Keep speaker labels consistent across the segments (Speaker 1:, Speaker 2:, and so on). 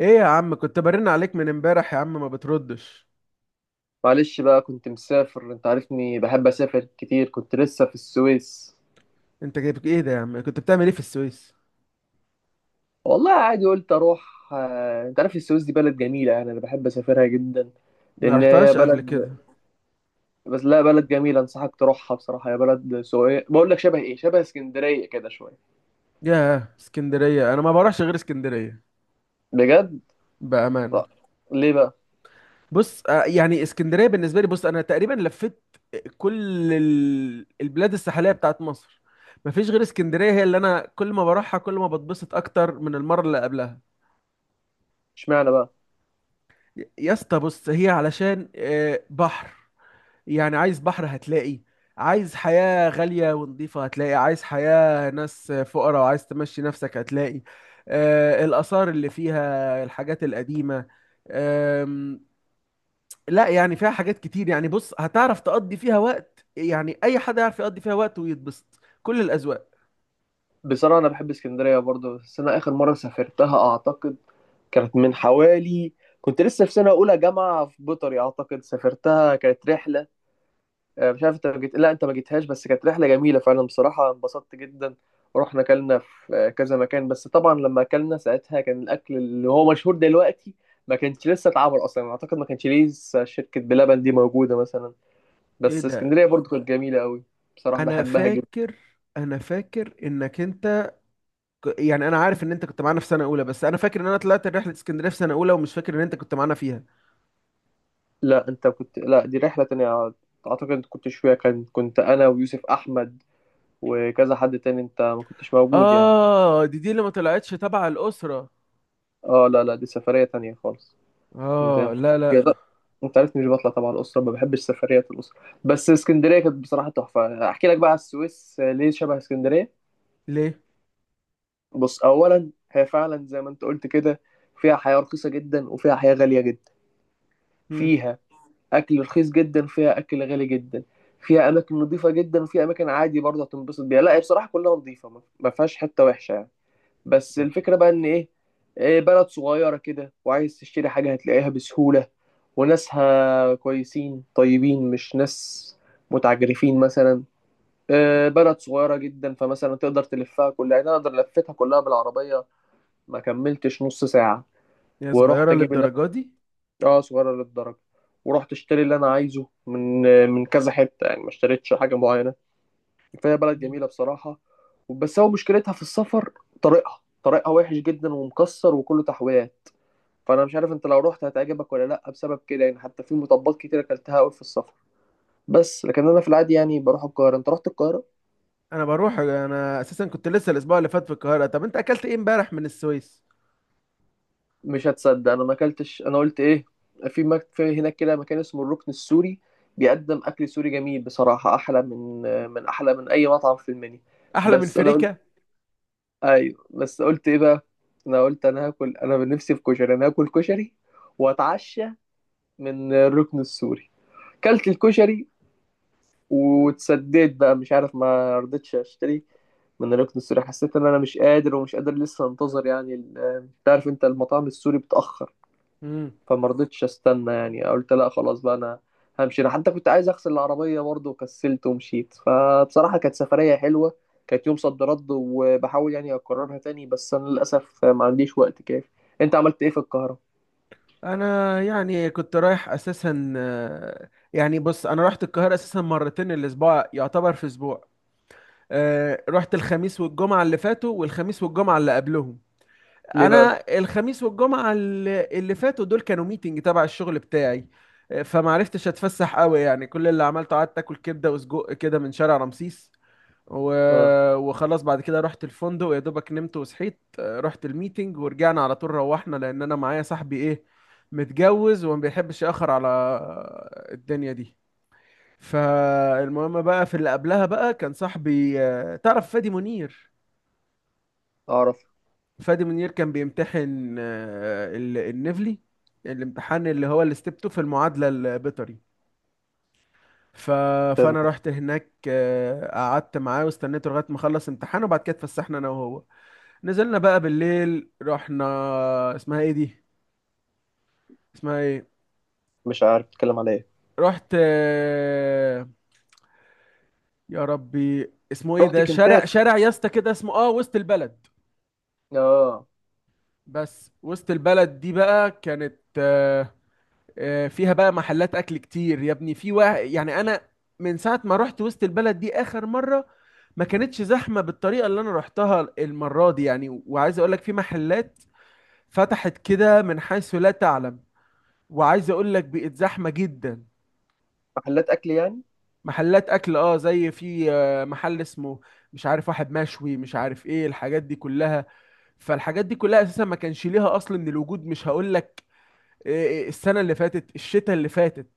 Speaker 1: ايه يا عم، كنت برن عليك من امبارح يا عم ما بتردش؟
Speaker 2: معلش بقى، كنت مسافر. انت عارفني بحب اسافر كتير. كنت لسه في السويس.
Speaker 1: انت جايب ايه ده يا عم؟ كنت بتعمل ايه في السويس؟
Speaker 2: والله عادي، قلت اروح. انت عارف السويس دي بلد جميلة، يعني انا بحب اسافرها جدا.
Speaker 1: ما
Speaker 2: لان هي
Speaker 1: رحتهاش قبل
Speaker 2: بلد
Speaker 1: كده؟
Speaker 2: بس لا، بلد جميلة، انصحك تروحها. بصراحة هي بلد سوية، بقول لك شبه ايه، شبه اسكندرية كده شوية.
Speaker 1: ياه اسكندرية. انا ما بروحش غير اسكندرية.
Speaker 2: بجد.
Speaker 1: بأمانة.
Speaker 2: لا. ليه بقى؟
Speaker 1: بص، يعني اسكندرية بالنسبة لي، بص انا تقريبا لفيت كل البلاد الساحلية بتاعت مصر. مفيش غير اسكندرية، هي اللي انا كل ما بروحها كل ما بتبسط اكتر من المرة اللي قبلها.
Speaker 2: اشمعنى بقى؟
Speaker 1: يا اسطى، بص هي علشان بحر. يعني عايز بحر هتلاقي. عايز حياة غالية ونظيفة هتلاقي، عايز حياة ناس فقراء وعايز تمشي نفسك هتلاقي. الآثار اللي فيها الحاجات القديمة. آم، لا، يعني فيها حاجات كتير. يعني بص، هتعرف تقضي فيها وقت، يعني أي حد يعرف يقضي فيها وقت ويتبسط، كل الأذواق.
Speaker 2: بصراحة انا بحب اسكندرية برضه، بس انا اخر مرة سافرتها اعتقد كانت من حوالي، كنت لسه في سنة أولى جامعة في بيطري، أعتقد سافرتها. كانت رحلة، مش عارف انت ما جيت، لا انت ما جيتهاش، بس كانت رحله جميله فعلا. بصراحه انبسطت جدا، ورحنا اكلنا في كذا مكان. بس طبعا لما اكلنا ساعتها، كان الاكل اللي هو مشهور دلوقتي ما كانش لسه اتعمل اصلا. اعتقد ما كانش لسه شركه بلبن دي موجوده مثلا.
Speaker 1: ايه
Speaker 2: بس
Speaker 1: ده؟
Speaker 2: اسكندريه برضو كانت جميله قوي. بصراحه
Speaker 1: انا
Speaker 2: بحبها جدا.
Speaker 1: فاكر انا فاكر انك انت، يعني انا عارف ان انت كنت معانا في سنة اولى، بس انا فاكر ان انا طلعت رحلة اسكندرية في سنة اولى ومش فاكر ان انت كنت معانا فيها.
Speaker 2: لا انت كنت، لا دي رحله تانية. اعتقد انت كنتش فيها، كان كنت انا ويوسف احمد وكذا حد تاني. انت ما كنتش موجود يعني.
Speaker 1: اه، دي اللي ما طلعتش تبع الأسرة.
Speaker 2: اه، لا لا، دي سفريه تانية خالص. ده
Speaker 1: اه، لا لا.
Speaker 2: يض- انت عارف مش بطلع طبعا الاسره، ما بحبش سفريات الاسره. بس اسكندريه كانت بصراحه تحفه. احكي لك بقى على السويس، ليه شبه اسكندريه.
Speaker 1: ليه؟
Speaker 2: بص اولا، هي فعلا زي ما انت قلت كده، فيها حياه رخيصه جدا وفيها حياه غاليه جدا.
Speaker 1: هم.
Speaker 2: فيها اكل رخيص جدا، فيها اكل غالي جدا. فيها اماكن نظيفه جدا، وفيها اماكن عادي برضه هتنبسط بيها. لا هي بصراحه كلها نظيفه، ما فيهاش حته وحشه يعني. بس الفكرة بقى إن إيه، بلد صغيرة كده، وعايز تشتري حاجة هتلاقيها بسهولة. وناسها كويسين طيبين، مش ناس متعجرفين مثلا. إيه، بلد صغيرة جدا، فمثلا تقدر تلفها كلها. يعني أنا أقدر لفتها كلها بالعربية، ما كملتش نص ساعة.
Speaker 1: هي
Speaker 2: ورحت
Speaker 1: صغيرة
Speaker 2: أجيب اللي
Speaker 1: للدرجة دي؟
Speaker 2: أنا، آه صغيرة للدرجة، ورحت اشتري اللي أنا عايزه من من كذا حتة يعني. ما اشتريتش حاجة معينة. فهي بلد
Speaker 1: مم.
Speaker 2: جميله بصراحه. بس هو مشكلتها في السفر. طريقها وحش جدا ومكسر وكله تحويات. فانا مش عارف انت لو رحت هتعجبك ولا لا، بسبب كده يعني. حتى في مطبات كتير اكلتها قوي في السفر. بس لكن انا في العادي يعني بروح القاهره. انت رحت القاهره؟
Speaker 1: انا اساسا كنت لسه الاسبوع اللي فات في القاهرة. طب انت اكلت ايه امبارح من السويس؟
Speaker 2: مش هتصدق، انا ما اكلتش. انا قلت ايه، في في هناك كده مكان اسمه الركن السوري، بيقدم اكل سوري جميل بصراحه. احلى من، احلى من اي مطعم في المنيو.
Speaker 1: احلى من
Speaker 2: بس انا،
Speaker 1: فريكة؟
Speaker 2: ايوه بس قلت ايه بقى، انا قلت انا هاكل، انا بنفسي في كشري. انا هاكل كشري، واتعشى من الركن السوري. كلت الكشري، واتسديت بقى. مش عارف، ما رضيتش اشتري من الركن السوري. حسيت ان انا مش قادر، ومش قادر لسه انتظر يعني. تعرف انت المطاعم السوري بتأخر.
Speaker 1: مم.
Speaker 2: فما رضيتش استنى يعني، قلت لا خلاص بقى انا همشي. انا حتى كنت عايز اغسل العربيه برضه وكسلت ومشيت. فبصراحه كانت سفريه حلوه، كانت يوم صد رد، وبحاول يعني اكررها تاني، بس انا للاسف ما عنديش وقت كافي. انت عملت ايه في القاهره؟
Speaker 1: انا يعني كنت رايح اساسا، يعني بص انا رحت القاهرة اساسا مرتين، الاسبوع يعتبر في اسبوع. رحت الخميس والجمعة اللي فاتوا والخميس والجمعة اللي قبلهم.
Speaker 2: ليه بقى؟
Speaker 1: انا الخميس والجمعه اللي فاتوا دول كانوا ميتنج تبع الشغل بتاعي. فمعرفتش اتفسح قوي، يعني كل اللي عملته قعدت اكل كبده وسجق كده من شارع رمسيس. و...
Speaker 2: اه،
Speaker 1: وخلاص بعد كده رحت الفندق يا دوبك نمت وصحيت، رحت الميتنج ورجعنا على طول، روحنا لان انا معايا صاحبي، ايه، متجوز وما بيحبش ياخر على الدنيا دي. فالمهم بقى، في اللي قبلها بقى كان صاحبي، تعرف فادي منير.
Speaker 2: اعرف.
Speaker 1: فادي منير كان بيمتحن النفلي، الامتحان اللي هو الستيب 2 في المعادلة البيطري. ف...
Speaker 2: تمام.
Speaker 1: فانا رحت هناك، قعدت معاه واستنيته لغايه ما خلص امتحانه، وبعد كده اتفسحنا انا وهو. نزلنا بقى بالليل، رحنا. اسمها ايه دي؟ اسمها ايه؟
Speaker 2: مش عارف تتكلم على ايه.
Speaker 1: رحت، يا ربي اسمه ايه
Speaker 2: رحت
Speaker 1: ده؟ شارع
Speaker 2: كنتاكي.
Speaker 1: شارع يا اسطى كده اسمه، اه، وسط البلد.
Speaker 2: اه.
Speaker 1: بس وسط البلد دي بقى كانت فيها بقى محلات اكل كتير يا ابني. في واحد، يعني انا من ساعه ما رحت وسط البلد دي اخر مره ما كانتش زحمه بالطريقه اللي انا رحتها المره دي. يعني وعايز اقول لك، في محلات فتحت كده من حيث لا تعلم. وعايز اقول لك بقت زحمه جدا.
Speaker 2: محلات اكل يعني.
Speaker 1: محلات اكل، اه، زي في محل اسمه، مش عارف، واحد مشوي، مش عارف ايه الحاجات دي كلها. فالحاجات دي كلها اساسا ما كانش ليها اصل من الوجود. مش هقول لك، آه، السنه اللي فاتت، الشتاء اللي فاتت.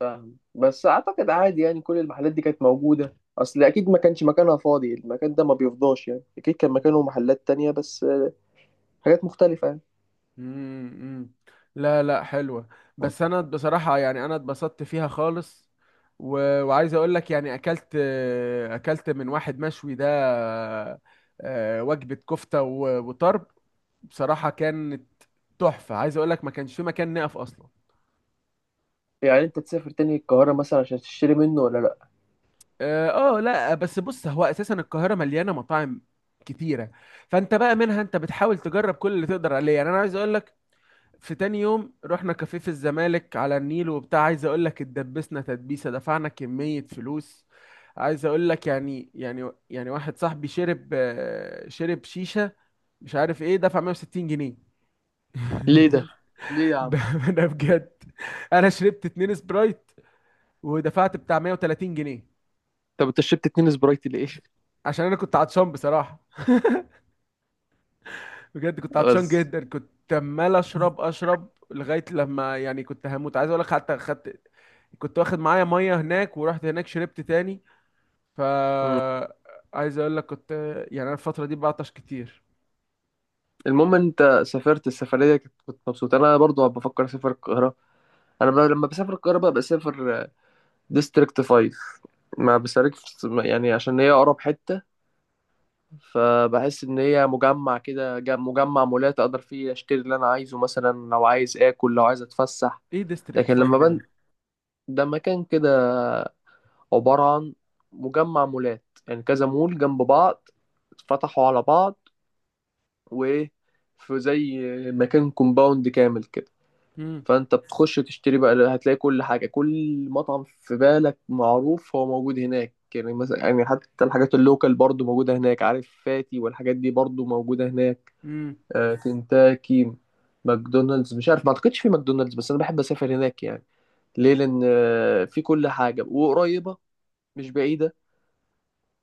Speaker 2: فاهم، بس اعتقد عادي يعني. كل المحلات دي كانت موجوده اصل، اكيد ما كانش مكانها فاضي، المكان ده ما بيفضاش يعني. اكيد كان مكانه محلات تانية، بس حاجات مختلفة يعني.
Speaker 1: امم. لا لا، حلوة. بس انا بصراحة، يعني انا اتبسطت فيها خالص. وعايز اقول لك يعني اكلت من واحد مشوي ده، وجبة كفتة وطرب. بصراحة كانت تحفة. عايز اقول لك ما كانش في مكان نقف اصلا.
Speaker 2: يعني انت تسافر تاني القاهرة مثلا عشان تشتري منه ولا لا؟
Speaker 1: اه، لا بس بص، هو اساسا القاهرة مليانة مطاعم كتيرة. فانت بقى منها انت بتحاول تجرب كل اللي تقدر عليه. يعني انا عايز اقول لك، في تاني يوم رحنا كافيه في الزمالك على النيل وبتاع. عايز اقول لك اتدبسنا تدبيسه، دفعنا كميه فلوس. عايز اقول لك، يعني واحد صاحبي شرب، شرب شيشه، مش عارف ايه، دفع 160 جنيه.
Speaker 2: ليه ده؟ ليه يا
Speaker 1: ب-
Speaker 2: عم؟
Speaker 1: ده بجد، انا شربت اتنين سبرايت ودفعت بتاع 130 جنيه.
Speaker 2: طب انت شربت اتنين سبرايت ليه؟
Speaker 1: عشان انا كنت عطشان بصراحه. بجد كنت عطشان
Speaker 2: بس.
Speaker 1: جدا، كنت عمال اشرب اشرب لغايه لما يعني كنت هموت. عايز اقول لك حتى خدت، كنت واخد معايا ميه هناك ورحت هناك شربت تاني. ف
Speaker 2: مم.
Speaker 1: عايز اقول لك كنت، يعني انا الفتره دي بعطش كتير.
Speaker 2: المهم انت سافرت السفرية، كنت مبسوط. انا برضو بفكر اسافر القاهرة. لما بسافر القاهرة بقى بسافر ديستريكت 5، ما بسافرش. يعني عشان هي اقرب حتة، فبحس ان هي مجمع كده، مجمع مولات اقدر فيه اشتري اللي انا عايزه مثلا، لو عايز اكل، لو عايز اتفسح.
Speaker 1: ايه ديستريكت
Speaker 2: لكن لما
Speaker 1: 5 ده؟
Speaker 2: ده مكان كده عبارة عن مجمع مولات، يعني كذا مول جنب بعض اتفتحوا على بعض، وإيه، في زي مكان كومباوند كامل كده.
Speaker 1: امم
Speaker 2: فأنت بتخش تشتري بقى، هتلاقي كل حاجة، كل مطعم في بالك معروف هو موجود هناك. يعني مثلا يعني حتى الحاجات اللوكال برضو موجودة هناك، عارف فاتي والحاجات دي برضو موجودة هناك.
Speaker 1: امم
Speaker 2: آه كنتاكي، ماكدونالدز، مش عارف، ما اعتقدش في ماكدونالدز. بس انا بحب اسافر هناك يعني. ليه؟ لان في كل حاجة وقريبة، مش بعيدة،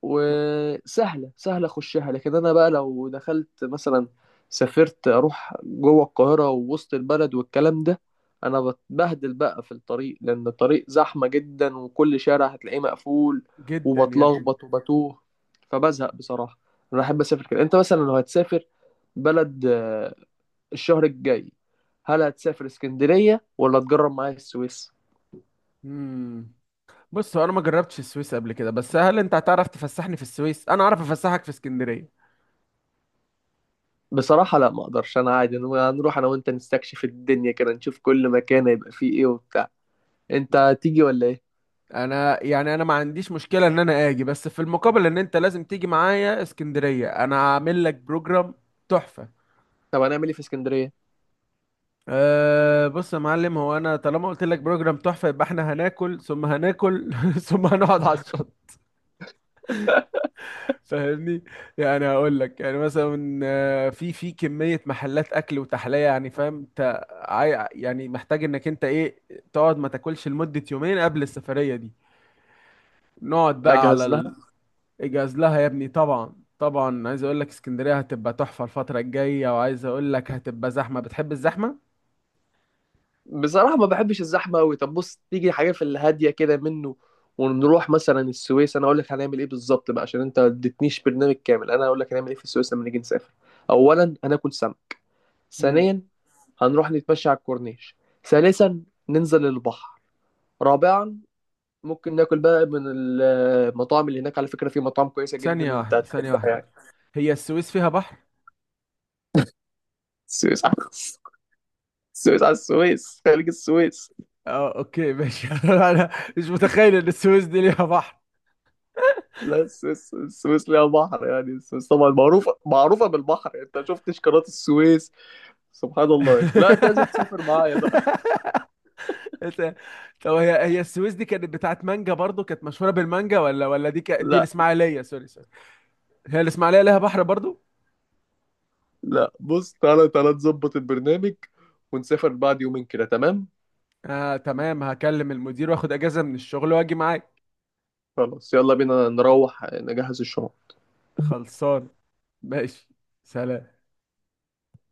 Speaker 2: وسهله اخشها. لكن انا بقى لو دخلت مثلا، سافرت اروح جوه القاهره ووسط البلد والكلام ده، انا بتبهدل بقى في الطريق، لان الطريق زحمه جدا وكل شارع هتلاقيه مقفول،
Speaker 1: جدا يا ابني.
Speaker 2: وبتلخبط وبتوه. فبزهق بصراحه. انا احب اسافر كده. انت مثلا لو هتسافر بلد، الشهر الجاي، هل هتسافر اسكندريه ولا تجرب معايا السويس؟
Speaker 1: امم بص هو انا ما جربتش السويس قبل كده، بس هل انت هتعرف تفسحني في السويس انا اعرف افسحك في اسكندريه؟
Speaker 2: بصراحة لا ما اقدرش، انا عادي. هنروح انا وانت نستكشف الدنيا كده، نشوف كل مكان هيبقى فيه ايه وبتاع. انت تيجي ولا ايه؟
Speaker 1: انا يعني انا ما عنديش مشكله ان انا اجي، بس في المقابل ان انت لازم تيجي معايا اسكندريه. انا عامل لك بروجرام تحفه.
Speaker 2: طب هنعمل ايه في اسكندرية؟
Speaker 1: أه بص يا معلم، هو انا طالما قلت لك بروجرام تحفه يبقى احنا هناكل ثم هناكل ثم هنقعد على الشط، فاهمني؟ يعني هقول لك يعني مثلا، في كميه محلات اكل وتحليه. يعني فاهم انت، يعني محتاج انك انت، ايه، تقعد ما تاكلش لمده يومين قبل السفريه دي. نقعد بقى
Speaker 2: اجهز
Speaker 1: على
Speaker 2: لها.
Speaker 1: اجهز لها يا ابني، طبعا طبعا. عايز اقول لك اسكندريه هتبقى تحفه الفتره الجايه. وعايز اقول لك هتبقى زحمه، بتحب الزحمه؟
Speaker 2: بصراحة ما بحبش الزحمة قوي. طب بص، تيجي حاجة في الهادية كده منه، ونروح مثلا السويس. انا اقول لك هنعمل ايه بالظبط بقى، عشان انت ما اديتنيش برنامج كامل. انا اقول لك هنعمل ايه في السويس لما نيجي نسافر. اولا هناكل سمك.
Speaker 1: مم.
Speaker 2: ثانيا هنروح نتمشى على الكورنيش. ثالثا ننزل البحر. رابعا ممكن ناكل بقى من المطاعم اللي هناك. على فكرة في مطاعم كويسة
Speaker 1: ثانيه
Speaker 2: جدا انت
Speaker 1: واحده، ثانيه
Speaker 2: هتحبها
Speaker 1: واحده.
Speaker 2: يعني.
Speaker 1: هي السويس فيها بحر؟
Speaker 2: السويس على السويس خليج السويس.
Speaker 1: اه اوكي ماشي انا مش متخيل ان السويس دي ليها بحر.
Speaker 2: لا، السويس، ليها بحر يعني. السويس طبعا معروفة، بالبحر. انت شفتش قناة السويس؟ سبحان الله يا اخي، لا انت لازم تسافر معايا بقى.
Speaker 1: إنت- طب، هي السويس دي كانت بتاعت مانجا برضو، كانت مشهوره بالمانجا، ولا دي
Speaker 2: لا
Speaker 1: الاسماعيليه؟ سوري سوري، هي الاسماعيليه ليها بحر برضو؟
Speaker 2: لا، بص تعالى تعالى، نظبط البرنامج ونسافر بعد يومين كده، تمام؟
Speaker 1: اه تمام، هكلم المدير واخد اجازه من الشغل واجي معاك.
Speaker 2: خلاص، يلا بينا نروح نجهز الشنط.
Speaker 1: خلصان. ماشي. سلام.